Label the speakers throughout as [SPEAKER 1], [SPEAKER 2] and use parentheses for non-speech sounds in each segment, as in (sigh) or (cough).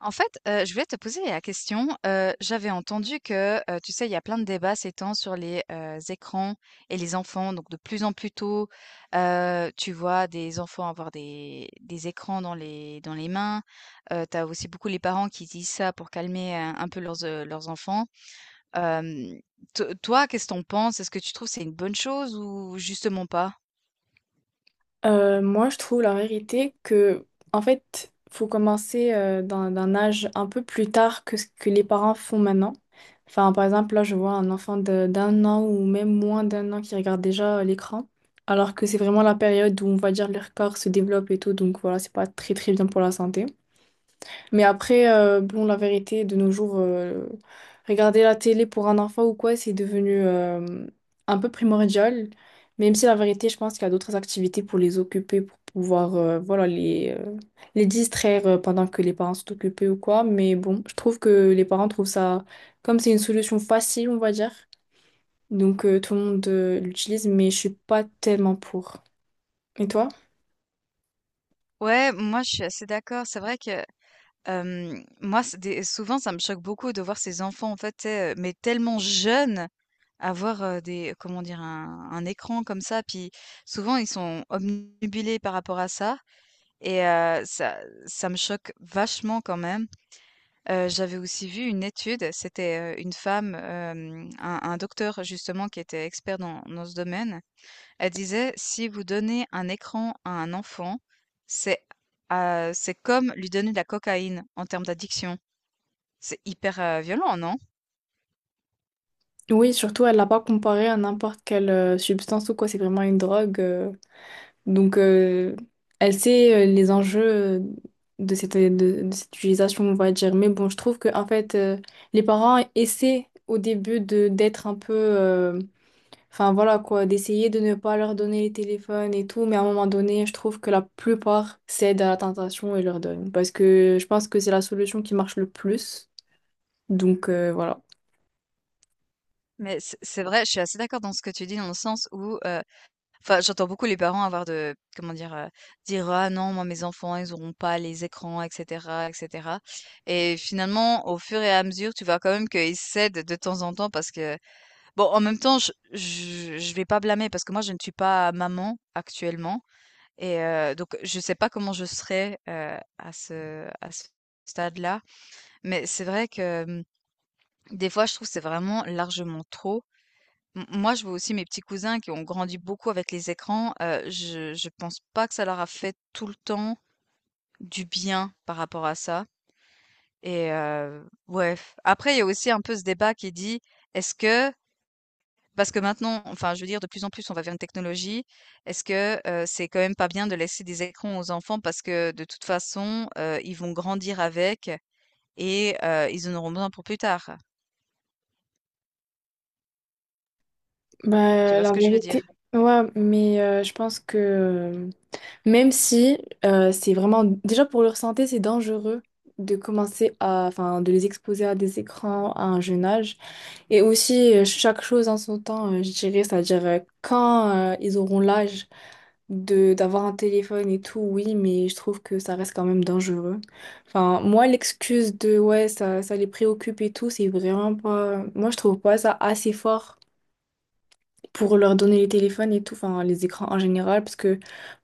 [SPEAKER 1] En fait, je voulais te poser la question, j'avais entendu que, tu sais, il y a plein de débats ces temps sur les, écrans et les enfants, donc de plus en plus tôt, tu vois des enfants avoir des écrans dans les mains. Tu as aussi beaucoup les parents qui disent ça pour calmer un peu leurs, leurs enfants. Hem, to Toi, qu'est-ce que tu penses? Est-ce que tu trouves que c'est une bonne chose ou justement pas?
[SPEAKER 2] Moi, je trouve la vérité que, en fait, faut commencer d'un âge un peu plus tard que ce que les parents font maintenant. Enfin, par exemple, là, je vois un enfant d'un an ou même moins d'un an qui regarde déjà l'écran, alors que c'est vraiment la période où, on va dire, leur corps se développe et tout, donc voilà, c'est pas très très bien pour la santé. Mais après, bon, la vérité, de nos jours, regarder la télé pour un enfant ou quoi, c'est devenu un peu primordial. Même si la vérité, je pense qu'il y a d'autres activités pour les occuper, pour pouvoir les distraire pendant que les parents sont occupés ou quoi. Mais bon, je trouve que les parents trouvent ça, comme c'est une solution facile, on va dire. Donc, tout le monde l'utilise, mais je suis pas tellement pour. Et toi?
[SPEAKER 1] Ouais, moi je suis assez d'accord. C'est vrai que moi c'est des souvent ça me choque beaucoup de voir ces enfants en fait, tu sais, mais tellement jeunes avoir, des comment dire? Un écran comme ça, puis souvent ils sont obnubilés par rapport à ça et ça me choque vachement quand même. J'avais aussi vu une étude, c'était, une femme, un docteur justement qui était expert dans ce domaine. Elle disait: «Si vous donnez un écran à un enfant, c'est, c'est comme lui donner de la cocaïne en termes d'addiction». C'est hyper, violent, non?
[SPEAKER 2] Oui, surtout, elle l'a pas comparé à n'importe quelle substance ou quoi, c'est vraiment une drogue. Donc, elle sait les enjeux euh, de cette, de, de cette utilisation, on va dire. Mais bon, je trouve que en fait, les parents essaient au début de d'être un peu, enfin voilà quoi, d'essayer de ne pas leur donner les téléphones et tout. Mais à un moment donné, je trouve que la plupart cèdent à la tentation et leur donnent. Parce que je pense que c'est la solution qui marche le plus. Donc, voilà.
[SPEAKER 1] C'est vrai, je suis assez d'accord dans ce que tu dis dans le sens où. Enfin, j'entends beaucoup les parents avoir de comment dire? Dire: «Ah non, moi mes enfants, ils n'auront pas les écrans et cetera et cetera». Et finalement, au fur et à mesure, tu vois quand même qu'ils cèdent de temps en temps parce que bon, en même temps, je vais pas blâmer parce que moi, je ne suis pas maman actuellement et donc je sais pas comment je serai, à ce stade-là. Mais c'est vrai que, des fois, je trouve que c'est vraiment largement trop. M Moi, je vois aussi mes petits cousins qui ont grandi beaucoup avec les écrans, je pense pas que ça leur a fait tout le temps du bien par rapport à ça et ouais, après il y a aussi un peu ce débat qui dit: «Est-ce que?» Parce que maintenant, enfin, je veux dire, de plus en plus, on va vers une technologie. Est-ce que, c'est quand même pas bien de laisser des écrans aux enfants parce que de toute façon, ils vont grandir avec et ils en auront besoin pour plus tard? Tu
[SPEAKER 2] Bah,
[SPEAKER 1] vois
[SPEAKER 2] la
[SPEAKER 1] ce que je veux dire?
[SPEAKER 2] vérité. Ouais, mais je pense que même si c'est vraiment, déjà pour leur santé, c'est dangereux de commencer à, enfin, de les exposer à des écrans à un jeune âge. Et aussi, chaque chose en son temps, je dirais, c'est-à-dire quand ils auront l'âge de d'avoir un téléphone et tout, oui, mais je trouve que ça reste quand même dangereux. Enfin, moi, l'excuse de, ouais, ça les préoccupe et tout, c'est vraiment pas, moi, je trouve pas ça assez fort pour leur donner les téléphones et tout, enfin les écrans en général, parce que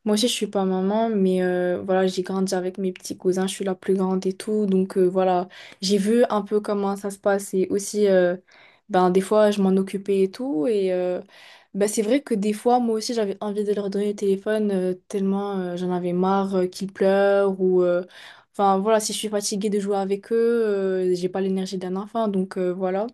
[SPEAKER 2] moi aussi je suis pas maman, mais voilà, j'ai grandi avec mes petits cousins, je suis la plus grande et tout, donc voilà, j'ai vu un peu comment ça se passe et aussi, ben des fois je m'en occupais et tout, et ben, c'est vrai que des fois moi aussi j'avais envie de leur donner le téléphone tellement j'en avais marre qu'ils pleurent Enfin voilà, si je suis fatiguée de jouer avec eux, j'ai pas l'énergie d'un enfant, donc voilà.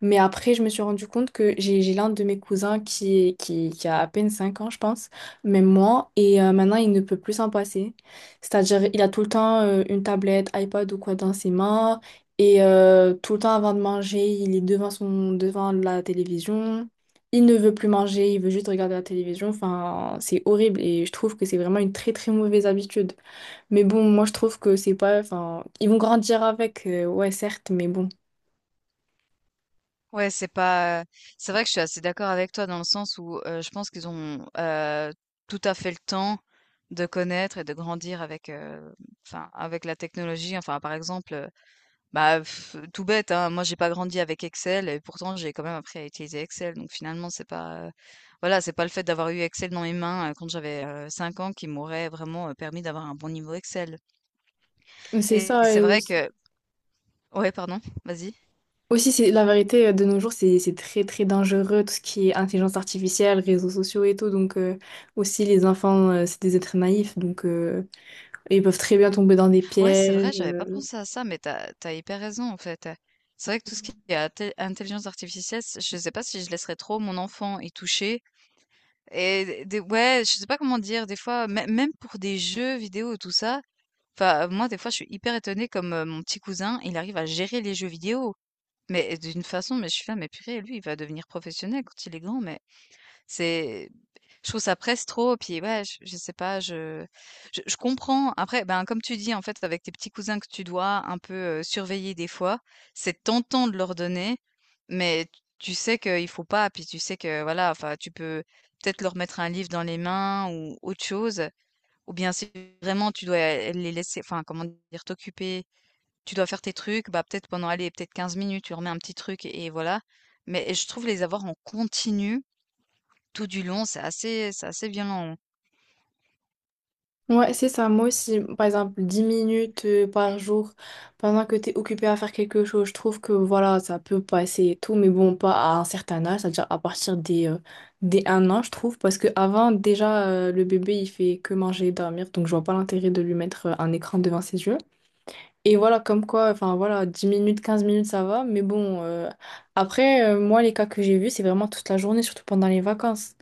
[SPEAKER 2] Mais après, je me suis rendu compte que j'ai l'un de mes cousins qui a à peine 5 ans, je pense, même moi, et maintenant il ne peut plus s'en passer. C'est-à-dire, il a tout le temps une tablette, iPad ou quoi dans ses mains, et tout le temps avant de manger, il est devant devant la télévision. Il ne veut plus manger, il veut juste regarder la télévision. Enfin, c'est horrible et je trouve que c'est vraiment une très très mauvaise habitude. Mais bon, moi je trouve que c'est pas. Enfin, ils vont grandir avec, ouais, certes, mais bon.
[SPEAKER 1] Ouais, c'est pas, C'est vrai que je suis assez d'accord avec toi dans le sens où, je pense qu'ils ont, tout à fait le temps de connaître et de grandir avec, enfin, avec la technologie. Enfin, par exemple, bah, pff, tout bête, hein, moi j'ai pas grandi avec Excel et pourtant j'ai quand même appris à utiliser Excel. Donc finalement, c'est pas, voilà, c'est pas le fait d'avoir eu Excel dans mes mains, quand j'avais, 5 ans qui m'aurait vraiment, permis d'avoir un bon niveau Excel.
[SPEAKER 2] C'est
[SPEAKER 1] Et
[SPEAKER 2] ça,
[SPEAKER 1] c'est
[SPEAKER 2] et
[SPEAKER 1] vrai
[SPEAKER 2] aussi.
[SPEAKER 1] que ouais, pardon? Vas-y.
[SPEAKER 2] Aussi, c'est la vérité, de nos jours, c'est très très dangereux, tout ce qui est intelligence artificielle, réseaux sociaux et tout. Donc, aussi, les enfants, c'est des êtres naïfs, donc ils peuvent très bien tomber dans des
[SPEAKER 1] Ouais, c'est vrai,
[SPEAKER 2] pièges.
[SPEAKER 1] j'avais pas pensé à ça, mais t'as as hyper raison, en fait. C'est vrai que tout ce qui est até intelligence artificielle, c je sais pas si je laisserais trop mon enfant y toucher. Et des ouais, je sais pas comment dire, des fois, mê même pour des jeux vidéo et tout ça, enfin, moi, des fois, je suis hyper étonnée comme, mon petit cousin, il arrive à gérer les jeux vidéo, mais d'une façon, mais je suis là: «Mais purée, lui, il va devenir professionnel quand il est grand, mais». C'est Je trouve ça presse trop, puis ouais, je sais pas, je comprends. Après, ben, comme tu dis, en fait, avec tes petits cousins que tu dois un peu, surveiller des fois, c'est tentant de leur donner, mais t tu sais qu'il faut pas, puis tu sais que voilà, enfin, tu peux peut-être leur mettre un livre dans les mains ou autre chose, ou bien si vraiment tu dois les laisser enfin, comment dire? T'occuper, tu dois faire tes trucs, bah, peut-être pendant, allez, peut-être 15 minutes, tu remets un petit truc et voilà. Mais je trouve les avoir en continu tout du long, c'est assez violent.
[SPEAKER 2] Ouais, c'est ça. Moi aussi, par exemple, 10 minutes par jour, pendant que tu es occupé à faire quelque chose, je trouve que voilà, ça peut passer et tout, mais bon, pas à un certain âge, c'est-à-dire à partir des un an, je trouve, parce que avant déjà, le bébé, il fait que manger et dormir, donc je vois pas l'intérêt de lui mettre un écran devant ses yeux. Et voilà, comme quoi, enfin voilà, 10 minutes, 15 minutes, ça va. Mais bon, après, moi, les cas que j'ai vus, c'est vraiment toute la journée, surtout pendant les vacances.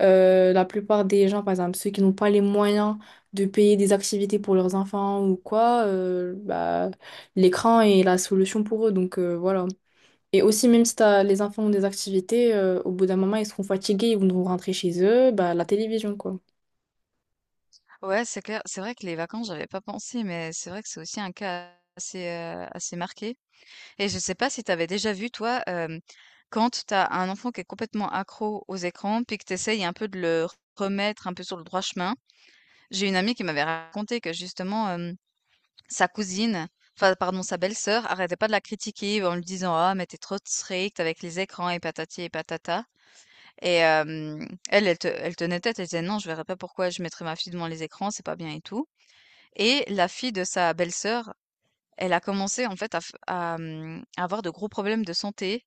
[SPEAKER 2] La plupart des gens, par exemple, ceux qui n'ont pas les moyens de payer des activités pour leurs enfants ou quoi, bah, l'écran est la solution pour eux. Donc, voilà. Et aussi, même si les enfants ont des activités, au bout d'un moment, ils seront fatigués, ils vont rentrer chez eux, bah, la télévision, quoi.
[SPEAKER 1] Ouais, c'est clair. C'est vrai que les vacances, j'avais pas pensé, mais c'est vrai que c'est aussi un cas assez, assez marqué. Et je sais pas si t'avais déjà vu toi, quand t'as un enfant qui est complètement accro aux écrans, puis que t'essayes un peu de le remettre un peu sur le droit chemin. J'ai une amie qui m'avait raconté que justement, sa cousine, enfin pardon, sa belle-sœur arrêtait pas de la critiquer en lui disant: «Ah mais t'es trop stricte avec les écrans et patati et patata». Et elle, elle te elle tenait tête, elle disait: «Non, je verrais pas pourquoi je mettrais ma fille devant les écrans, c'est pas bien et tout». Et la fille de sa belle-sœur, elle a commencé en fait à, à avoir de gros problèmes de santé,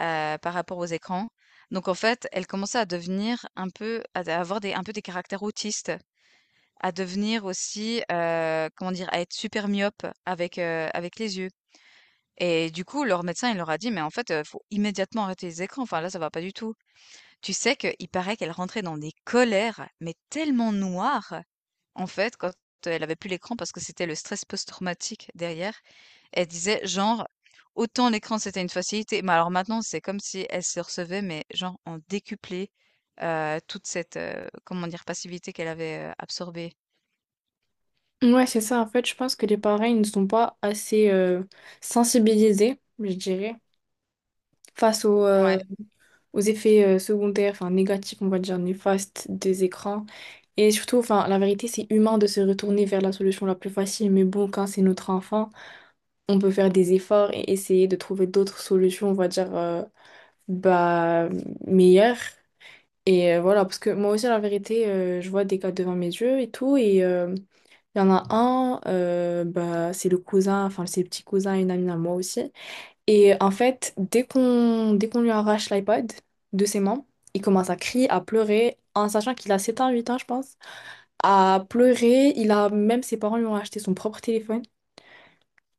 [SPEAKER 1] par rapport aux écrans. Donc en fait, elle commençait à devenir un peu à avoir des un peu des caractères autistes, à devenir aussi, comment dire? À être super myope avec, avec les yeux. Et du coup, leur médecin, il leur a dit: «Mais en fait, faut immédiatement arrêter les écrans, enfin là, ça va pas du tout». Tu sais qu'il paraît qu'elle rentrait dans des colères, mais tellement noires, en fait, quand elle avait plus l'écran parce que c'était le stress post-traumatique derrière. Elle disait genre, autant l'écran c'était une facilité, mais alors maintenant c'est comme si elle se recevait, mais genre en décuplé toute cette, comment dire, passivité qu'elle avait absorbée.
[SPEAKER 2] Ouais, c'est ça. En fait, je pense que les parents, ils ne sont pas assez sensibilisés, je dirais, face aux,
[SPEAKER 1] Ouais.
[SPEAKER 2] aux effets secondaires, enfin négatifs, on va dire néfastes des écrans. Et surtout, enfin, la vérité, c'est humain de se retourner vers la solution la plus facile, mais bon, quand c'est notre enfant, on peut faire des efforts et essayer de trouver d'autres solutions, on va dire, bah, meilleures. Et voilà, parce que moi aussi, la vérité, je vois des cas devant mes yeux et tout, et il y en a un, bah, c'est le cousin, enfin, c'est le petit cousin, une amie à moi aussi. Et en fait, dès qu'on lui arrache l'iPod de ses mains, il commence à crier, à pleurer, en sachant qu'il a 7 ans, 8 ans, je pense, à pleurer. Il a même ses parents lui ont acheté son propre téléphone.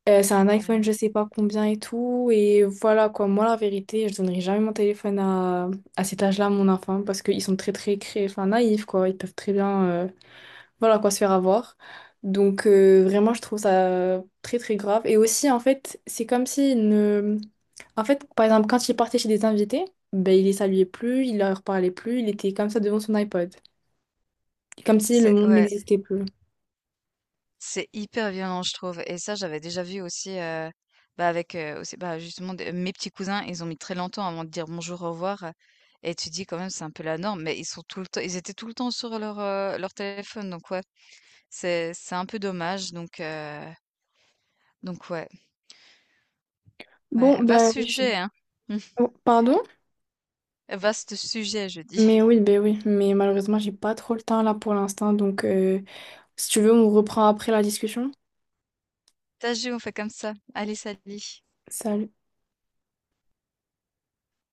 [SPEAKER 2] C'est
[SPEAKER 1] Ah
[SPEAKER 2] un iPhone, je
[SPEAKER 1] purée.
[SPEAKER 2] sais pas combien et tout. Et voilà quoi, moi la vérité, je donnerai jamais mon téléphone à cet âge-là à mon enfant parce qu'ils sont très très enfin, naïfs quoi. Ils peuvent très bien voilà quoi se faire avoir. Donc, vraiment, je trouve ça très très grave. Et aussi en fait, c'est comme si en fait, par exemple, quand il partait chez des invités, ben, il les saluait plus, il leur parlait plus, il était comme ça devant son iPod. Comme si le
[SPEAKER 1] C'est,
[SPEAKER 2] monde
[SPEAKER 1] ouais.
[SPEAKER 2] n'existait plus.
[SPEAKER 1] C'est hyper violent, je trouve et ça, j'avais déjà vu aussi, bah, avec, aussi, bah, justement des mes petits cousins, ils ont mis très longtemps avant de dire «bonjour, au revoir» et tu dis quand même c'est un peu la norme, mais ils étaient tout le temps sur leur, leur téléphone. Donc ouais, c'est un peu dommage donc ouais, ouais,
[SPEAKER 2] Bon,
[SPEAKER 1] vaste
[SPEAKER 2] ben, je
[SPEAKER 1] sujet,
[SPEAKER 2] suis.
[SPEAKER 1] hein? (laughs)
[SPEAKER 2] Oh, pardon?
[SPEAKER 1] Vaste sujet, je dis.
[SPEAKER 2] Mais oui, ben oui. Mais malheureusement, j'ai pas trop le temps là pour l'instant. Donc, si tu veux, on reprend après la discussion.
[SPEAKER 1] Ça joue, on fait comme ça. Allez, salut.
[SPEAKER 2] Salut.